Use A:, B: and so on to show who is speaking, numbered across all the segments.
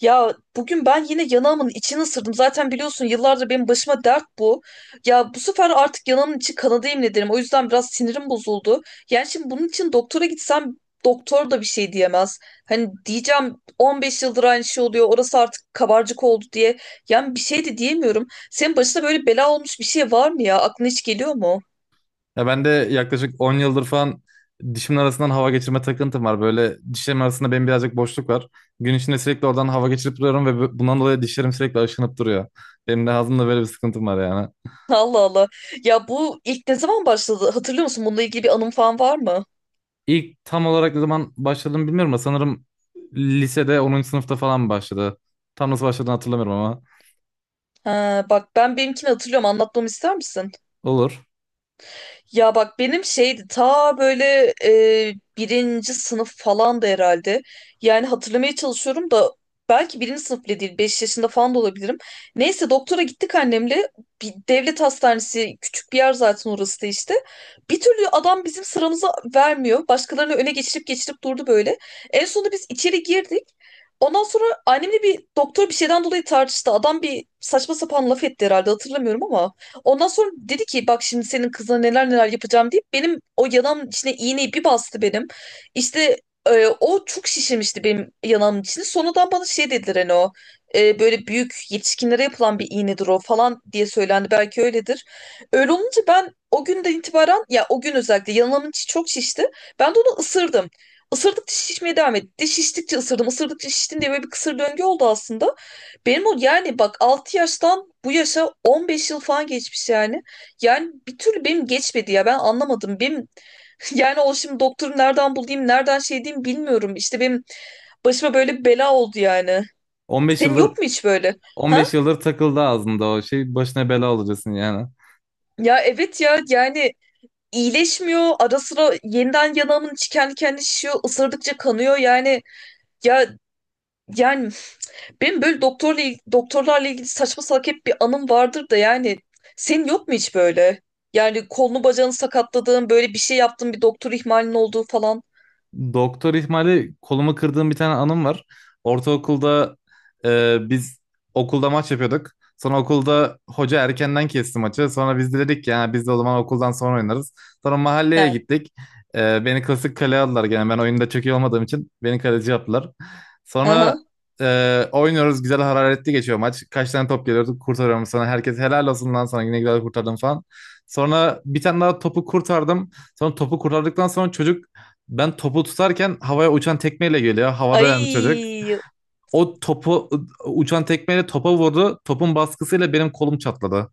A: Ya bugün ben yine yanağımın içini ısırdım. Zaten biliyorsun yıllardır benim başıma dert bu. Ya bu sefer artık yanağımın içi kanadı yemin ederim. O yüzden biraz sinirim bozuldu. Yani şimdi bunun için doktora gitsem doktor da bir şey diyemez. Hani diyeceğim 15 yıldır aynı şey oluyor. Orası artık kabarcık oldu diye. Yani bir şey de diyemiyorum. Senin başına böyle bela olmuş bir şey var mı ya? Aklına hiç geliyor mu?
B: Ya ben de yaklaşık 10 yıldır falan dişimin arasından hava geçirme takıntım var. Böyle dişlerim arasında benim birazcık boşluk var. Gün içinde sürekli oradan hava geçirip duruyorum ve bundan dolayı dişlerim sürekli aşınıp duruyor. Benim de ağzımda böyle bir sıkıntım var yani.
A: Allah Allah. Ya bu ilk ne zaman başladı? Hatırlıyor musun? Bununla ilgili bir anım falan var mı?
B: İlk tam olarak ne zaman başladığımı bilmiyorum ama sanırım lisede 10. sınıfta falan başladı. Tam nasıl başladığını hatırlamıyorum ama.
A: Ha, bak ben benimkini hatırlıyorum. Anlatmamı ister misin?
B: Olur.
A: Ya bak benim şeydi ta böyle birinci sınıf falan da herhalde. Yani hatırlamaya çalışıyorum da belki birinci sınıf bile değil. 5 yaşında falan da olabilirim. Neyse doktora gittik annemle. Bir devlet hastanesi küçük bir yer zaten orası da işte. Bir türlü adam bizim sıramızı vermiyor. Başkalarını öne geçirip geçirip durdu böyle. En sonunda biz içeri girdik. Ondan sonra annemle bir doktor bir şeyden dolayı tartıştı. Adam bir saçma sapan laf etti herhalde hatırlamıyorum ama. Ondan sonra dedi ki bak şimdi senin kızına neler neler yapacağım deyip benim o yanağımın içine iğneyi bir bastı benim. İşte o çok şişirmişti benim yanağımın içini. Sonradan bana şey dediler hani o böyle büyük yetişkinlere yapılan bir iğnedir o falan diye söylendi. Belki öyledir. Öyle olunca ben o günden itibaren ya o gün özellikle yanağımın içi çok şişti. Ben de onu ısırdım. Isırdıkça şişmeye devam etti. Şiştikçe ısırdım, ısırdıkça şiştim diye böyle bir kısır döngü oldu aslında. Benim o yani bak 6 yaştan bu yaşa 15 yıl falan geçmiş yani. Yani bir türlü benim geçmedi ya ben anlamadım. Benim yani o şimdi doktoru nereden bulayım nereden şey diyeyim bilmiyorum. İşte benim başıma böyle bir bela oldu yani.
B: 15
A: Senin
B: yıldır
A: yok mu hiç böyle? Ha?
B: 15 yıldır takıldı ağzımda o şey, başına bela olacaksın yani.
A: Ya evet ya yani iyileşmiyor. Ara sıra yeniden yanağımın içi kendi kendine şişiyor. Isırdıkça kanıyor yani. Ya yani benim böyle doktorlarla ilgili saçma salak hep bir anım vardır da yani senin yok mu hiç böyle? Yani kolunu bacağını sakatladığın böyle bir şey yaptığın bir doktor ihmalinin olduğu falan.
B: Doktor ihmali, kolumu kırdığım bir tane anım var. Ortaokulda biz okulda maç yapıyorduk. Sonra okulda hoca erkenden kesti maçı. Sonra biz de dedik ki yani biz de o zaman okuldan sonra oynarız. Sonra
A: He.
B: mahalleye gittik. Beni klasik kaleye aldılar gene. Ben oyunda çok iyi olmadığım için beni kaleci yaptılar. Sonra
A: Aha.
B: oynuyoruz. Güzel hararetli geçiyor maç. Kaç tane top geliyordu, kurtarıyorum sonra. Herkes helal olsun lan sana, yine güzel kurtardım falan. Sonra bir tane daha topu kurtardım. Sonra topu kurtardıktan sonra çocuk, ben topu tutarken havaya uçan tekmeyle geliyor. Havada yani çocuk.
A: Ay.
B: O topu Uçan tekmeyle topa vurdu. Topun baskısıyla benim kolum çatladı.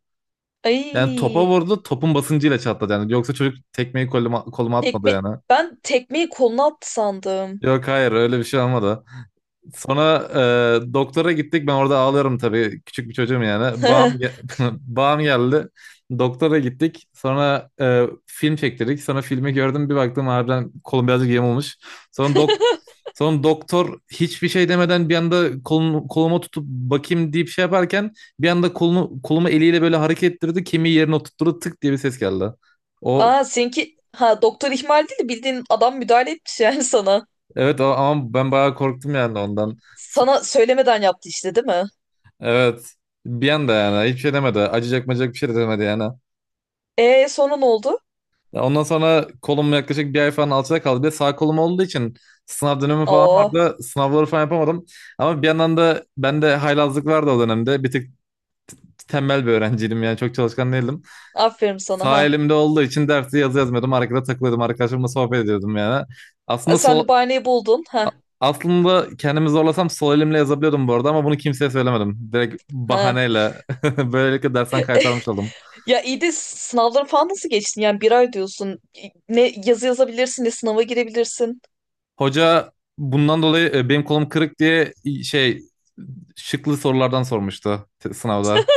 B: Yani topa
A: Ay.
B: vurdu, topun basıncıyla çatladı yani. Yoksa çocuk tekmeyi koluma atmadı
A: Tekme
B: yani.
A: ben tekmeyi koluna attı sandım.
B: Yok, hayır, öyle bir şey olmadı. Sonra doktora gittik. Ben orada ağlıyorum tabii. Küçük bir çocuğum yani. Bağım geldi. Doktora gittik. Sonra film çektirdik. Sonra filmi gördüm. Bir baktım harbiden kolum birazcık yem olmuş. Sonra dok Sonra doktor hiçbir şey demeden bir anda koluma tutup bakayım deyip şey yaparken bir anda kolumu eliyle böyle hareket ettirdi. Kemiği yerine oturttu, tık diye bir ses geldi. O
A: Ha seninki ha doktor ihmal değil de bildiğin adam müdahale etmiş yani sana.
B: Evet. O, ama ben bayağı korktum yani ondan.
A: Sana söylemeden yaptı işte değil mi?
B: Evet. Bir anda yani hiçbir şey demedi. Acıyacak macacak bir şey de demedi yani.
A: E sonra ne oldu?
B: Ya, ondan sonra kolum yaklaşık bir ay falan alçada kaldı. Bir de sağ kolum olduğu için sınav dönemi falan
A: Oo,
B: vardı. Sınavları falan yapamadım. Ama bir yandan da bende haylazlık vardı o dönemde. Bir tık tembel bir öğrenciydim yani, çok çalışkan değildim.
A: aferin sana
B: Sağ
A: ha.
B: elimde olduğu için dersi yazı yazmıyordum. Arkada takılıyordum. Arkadaşlarımla sohbet ediyordum yani.
A: Ha,
B: Aslında
A: sen
B: sol
A: de bahaneyi buldun
B: a-
A: ha.
B: Aslında kendimi zorlasam sol elimle yazabiliyordum bu arada ama bunu kimseye söylemedim. Direkt
A: Ha.
B: bahaneyle böylelikle dersten kaytarmış oldum.
A: Ya iyi de sınavları falan nasıl geçtin? Yani bir ay diyorsun. Ne yazı yazabilirsin ne sınava girebilirsin.
B: Hoca bundan dolayı benim kolum kırık diye şey, şıklı sorulardan sormuştu sınavda.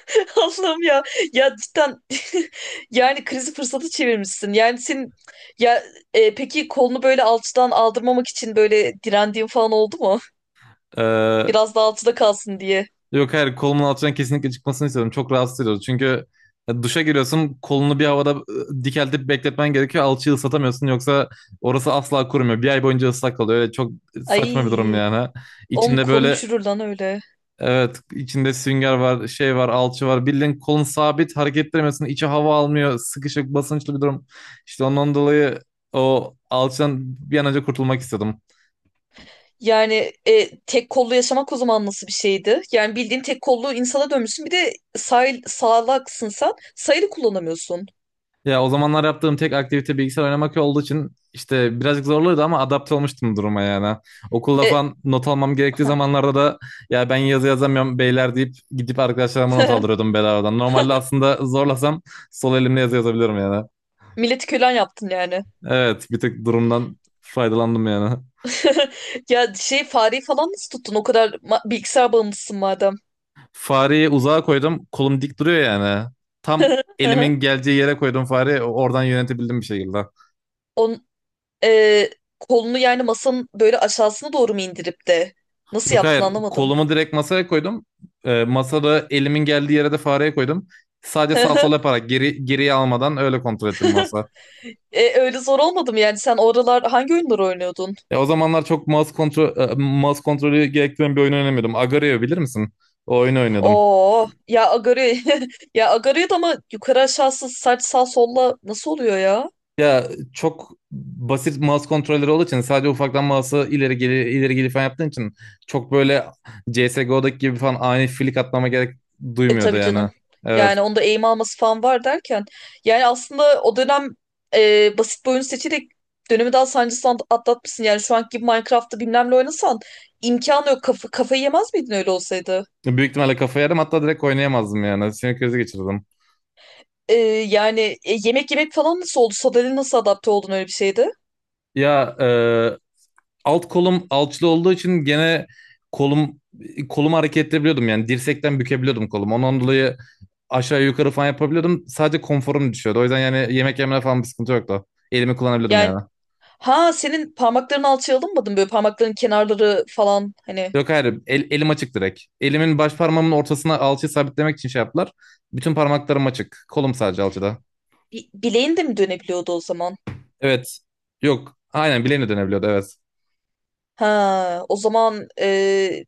A: Allah'ım ya. Ya cidden yani krizi fırsatı çevirmişsin. Yani senin ya peki kolunu böyle alçıdan aldırmamak için böyle direndiğin falan oldu mu?
B: Ee,
A: Biraz daha alçıda kalsın diye.
B: yok, hayır, kolumun altından kesinlikle çıkmasını istedim. Çok rahatsız ediyordu. Çünkü duşa giriyorsun, kolunu bir havada dikeltip bekletmen gerekiyor. Alçıyı ıslatamıyorsun, yoksa orası asla kurumuyor. Bir ay boyunca ıslak kalıyor. Öyle çok saçma bir durum
A: Ay
B: yani.
A: oğlum
B: İçinde
A: kolun
B: böyle
A: çürür lan öyle.
B: Evet, içinde sünger var, şey var, alçı var, bildiğin kolun sabit, hareket ettiremiyorsun, içi hava almıyor, sıkışık basınçlı bir durum. İşte ondan dolayı o alçıdan bir an önce kurtulmak istedim.
A: Yani tek kollu yaşamak o zaman nasıl bir şeydi? Yani bildiğin tek kollu insana dönmüşsün. Bir de sağlaksın sen. Sayılı kullanamıyorsun.
B: Ya, o zamanlar yaptığım tek aktivite bilgisayar oynamak olduğu için işte birazcık zorluydu ama adapte olmuştum duruma yani. Okulda
A: E,
B: falan not almam gerektiği
A: heh.
B: zamanlarda da ya ben yazı yazamıyorum beyler deyip gidip arkadaşlarıma not aldırıyordum bedavadan. Normalde aslında zorlasam sol elimle yazı yazabilirim yani.
A: Milleti kölen yaptın yani.
B: Evet, bir tık durumdan faydalandım yani.
A: Ya şey fareyi falan nasıl tuttun? O kadar bilgisayar bağımlısın madem.
B: Fareyi uzağa koydum. Kolum dik duruyor yani. Tam elimin geleceği yere koydum fareyi. Oradan yönetebildim bir şekilde.
A: On, e, kolunu yani masanın böyle aşağısına doğru mu indirip de? Nasıl
B: Yok,
A: yaptın
B: hayır.
A: anlamadım.
B: Kolumu direkt masaya koydum. Masada elimin geldiği yere de fareyi koydum. Sadece sağ sol yaparak, geriye almadan öyle kontrol ettim masa.
A: E, öyle zor olmadı mı yani? Sen oralar hangi oyunları oynuyordun?
B: O zamanlar çok mouse kontrolü gerektiren bir oyun oynamıyordum. Agario bilir misin? O oyunu oynadım.
A: Oo ya Agario. Ya Agario'da ama yukarı aşağısı saç sağ solla nasıl oluyor ya?
B: Ya, çok basit mouse kontrolleri olduğu için sadece ufaktan mouse'u ileri geri ileri geri falan yaptığın için çok böyle CS:GO'daki gibi falan ani flick atmama gerek
A: E
B: duymuyordu
A: tabii
B: yani.
A: canım.
B: Evet.
A: Yani onda eğim alması falan var derken. Yani aslında o dönem basit bir oyun seçerek dönemi daha sancısız atlatmışsın. Yani şu anki gibi Minecraft'ta bilmem ne oynasan imkanı yok. Kafayı yemez miydin öyle olsaydı?
B: Büyük ihtimalle kafayı yerim, hatta direkt oynayamazdım yani. Sinir krizi geçirdim.
A: E, yani yemek yemek falan nasıl oldu? Sadalin nasıl adapte oldun öyle bir şeyde?
B: Ya alt kolum alçılı olduğu için gene kolum kolumu hareket edebiliyordum yani, dirsekten bükebiliyordum kolumu. Ondan dolayı aşağı yukarı falan yapabiliyordum. Sadece konforum düşüyordu. O yüzden yani yemek yemene falan bir sıkıntı yoktu. Elimi kullanabiliyordum
A: Yani.
B: yani.
A: Ha, senin parmakların alçıya alınmadı. Böyle parmakların kenarları falan hani
B: Yok, hayır, elim açık direkt. Elimin baş parmağımın ortasına alçıyı sabitlemek için şey yaptılar. Bütün parmaklarım açık. Kolum sadece alçıda.
A: bileğin de mi dönebiliyordu o zaman?
B: Evet. Yok. Aynen bileğine dönebiliyordu, evet.
A: Ha, o zaman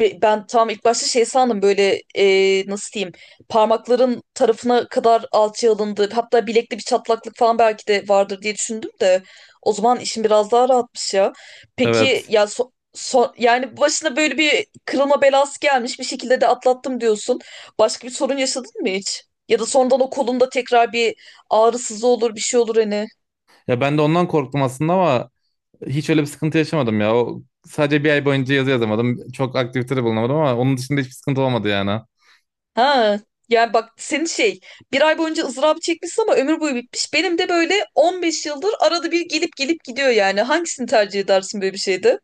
A: ben tam ilk başta şey sandım böyle nasıl diyeyim parmakların tarafına kadar alçıya alındı. Hatta bilekli bir çatlaklık falan belki de vardır diye düşündüm de o zaman işin biraz daha rahatmış ya. Peki
B: Evet.
A: ya yani başına böyle bir kırılma belası gelmiş bir şekilde de atlattım diyorsun. Başka bir sorun yaşadın mı hiç? Ya da sonradan o kolunda tekrar bir ağrısız olur bir şey olur hani.
B: Ya ben de ondan korktum aslında ama hiç öyle bir sıkıntı yaşamadım ya. O, sadece bir ay boyunca yazı yazamadım. Çok aktivitede bulunamadım ama onun dışında hiçbir sıkıntı olmadı yani.
A: Ha, yani bak senin şey bir ay boyunca ızdırabı çekmişsin ama ömür boyu bitmiş. Benim de böyle 15 yıldır arada bir gelip gelip gidiyor yani. Hangisini tercih edersin böyle bir şeyde?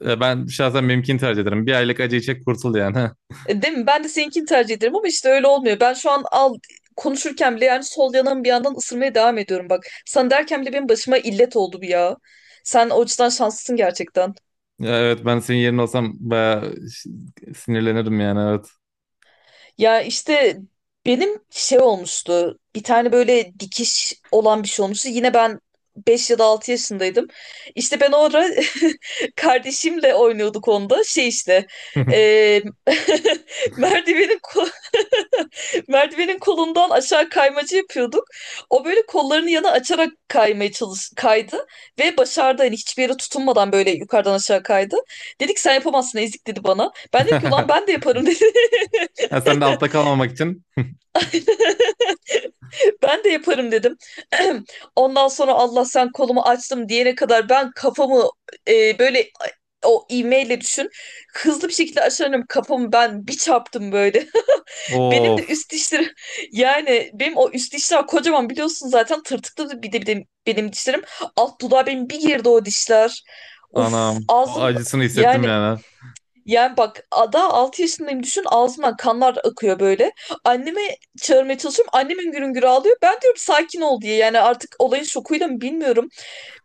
B: Ya ben şahsen benimkini tercih ederim. Bir aylık acıyı çek, kurtul yani.
A: E, değil mi? Ben de seninkini tercih ederim ama işte öyle olmuyor. Ben şu an konuşurken bile yani sol yanağımı bir yandan ısırmaya devam ediyorum bak. Sana derken bile benim başıma illet oldu bu ya. Sen o açıdan şanslısın gerçekten.
B: Ya, evet, ben senin yerine olsam bayağı sinirlenirdim yani,
A: Ya işte benim şey olmuştu. Bir tane böyle dikiş olan bir şey olmuştu. Yine ben 5 ya da 6 yaşındaydım. İşte ben orada kardeşimle oynuyorduk onda. Şey işte
B: evet.
A: eee, merdivenin ko- merdivenin kolundan aşağı kaymacı yapıyorduk. O böyle kollarını yana açarak kaymaya çalış kaydı ve başardı. Hani hiçbir yere tutunmadan böyle yukarıdan aşağı kaydı. Dedik sen yapamazsın ezik dedi bana. Ben dedim ki ulan ben de yaparım.
B: Ya sen de altta kalmamak için.
A: Dedi. Ben de yaparım dedim. Ondan sonra Allah sen kolumu açtım diyene kadar ben kafamı böyle o ivmeyle düşün. Hızlı bir şekilde aşarım kafamı ben bir çarptım böyle. Benim de
B: Of,
A: üst dişlerim yani benim o üst dişler kocaman biliyorsun zaten tırtıklı bir de benim dişlerim. Alt dudağı benim bir girdi o dişler. Uf
B: anam. O
A: ağzım.
B: acısını hissettim
A: Yani
B: yani.
A: yani bak 6 yaşındayım düşün ağzımdan kanlar akıyor böyle. Anneme çağırmaya çalışıyorum. Annem hüngür hüngür ağlıyor. Ben diyorum sakin ol diye. Yani artık olayın şokuyla mı bilmiyorum.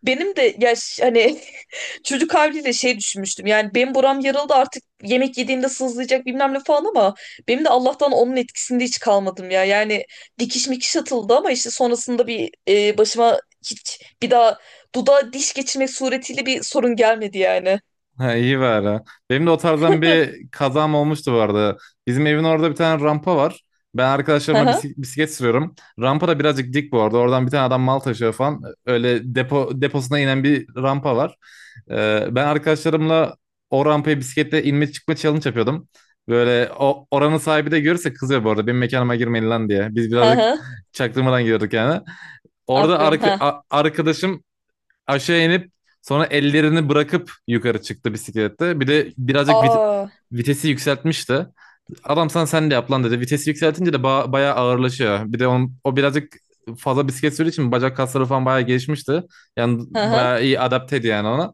A: Benim de ya hani çocuk haliyle şey düşünmüştüm. Yani benim buram yarıldı artık yemek yediğinde sızlayacak bilmem ne falan ama benim de Allah'tan onun etkisinde hiç kalmadım ya. Yani dikiş mikiş atıldı ama işte sonrasında bir başıma hiç bir daha dudağa diş geçirmek suretiyle bir sorun gelmedi yani.
B: Ha, iyi bari. Benim de o tarzdan bir kazam olmuştu bu arada. Bizim evin orada bir tane rampa var. Ben
A: Hı
B: arkadaşlarımla
A: hı.
B: bisiklet sürüyorum. Rampa da birazcık dik bu arada. Oradan bir tane adam mal taşıyor falan. Öyle deposuna inen bir rampa var. Ben arkadaşlarımla o rampaya bisikletle inme çıkma challenge yapıyordum. Böyle o oranın sahibi de görürse kızıyor bu arada, benim mekanıma girmeyin lan diye. Biz
A: Hı
B: birazcık
A: hı.
B: çaktırmadan gidiyorduk yani. Orada
A: Aferin ha.
B: arkadaşım aşağı inip sonra ellerini bırakıp yukarı çıktı bisiklette. Bir de birazcık
A: Aa.
B: vitesi yükseltmişti. Adam sana sen de yap lan dedi. Vitesi yükseltince de bayağı ağırlaşıyor. Bir de o birazcık fazla bisiklet sürdüğü için bacak kasları falan bayağı gelişmişti. Yani
A: Hı hı.
B: bayağı iyi adapteydi yani ona.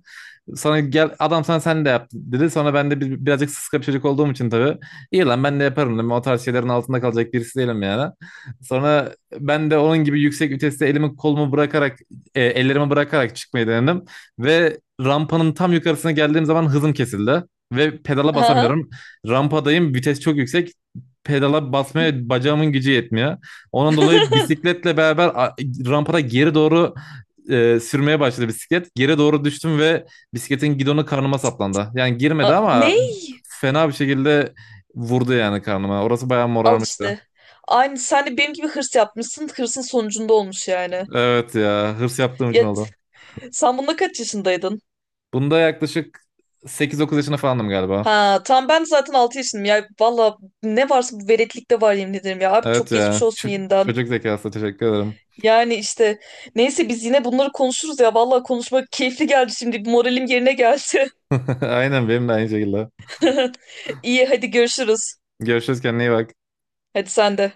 B: Sonra gel adam sana sen de yap dedi. Sonra ben de birazcık sıska bir çocuk olduğum için tabii. İyi lan ben de yaparım dedim. O tarz şeylerin altında kalacak birisi değilim yani. Sonra ben de onun gibi yüksek viteste elimi kolumu bırakarak ellerimi bırakarak çıkmayı denedim. Ve rampanın tam yukarısına geldiğim zaman hızım kesildi. Ve pedala
A: Hı hı.
B: basamıyorum. Rampadayım, vites çok yüksek. Pedala basmaya bacağımın gücü yetmiyor. Onun dolayı bisikletle beraber rampada geri doğru sürmeye başladı bisiklet. Geri doğru düştüm ve bisikletin gidonu karnıma saplandı. Yani girmedi ama
A: Ney?
B: fena bir şekilde vurdu yani karnıma. Orası bayağı
A: Al
B: morarmıştı.
A: işte. Aynı sen de benim gibi hırs yapmışsın. Hırsın sonucunda olmuş yani.
B: Evet ya, hırs yaptığım için
A: Ya
B: oldu.
A: sen bunda kaç yaşındaydın?
B: Bunda yaklaşık 8-9 yaşında falandım galiba.
A: Ha tam ben zaten 6 yaşındayım. Ya valla ne varsa bu veretlikte var yemin ederim ya. Abi çok
B: Evet
A: geçmiş
B: ya,
A: olsun yeniden.
B: çocuk zekası, teşekkür ederim.
A: Yani işte neyse biz yine bunları konuşuruz ya. Valla konuşmak keyifli geldi şimdi. Moralim yerine geldi.
B: Aynen, benim de aynı şekilde.
A: İyi hadi görüşürüz.
B: Görüşürüz, kendine iyi bak.
A: Hadi sen de.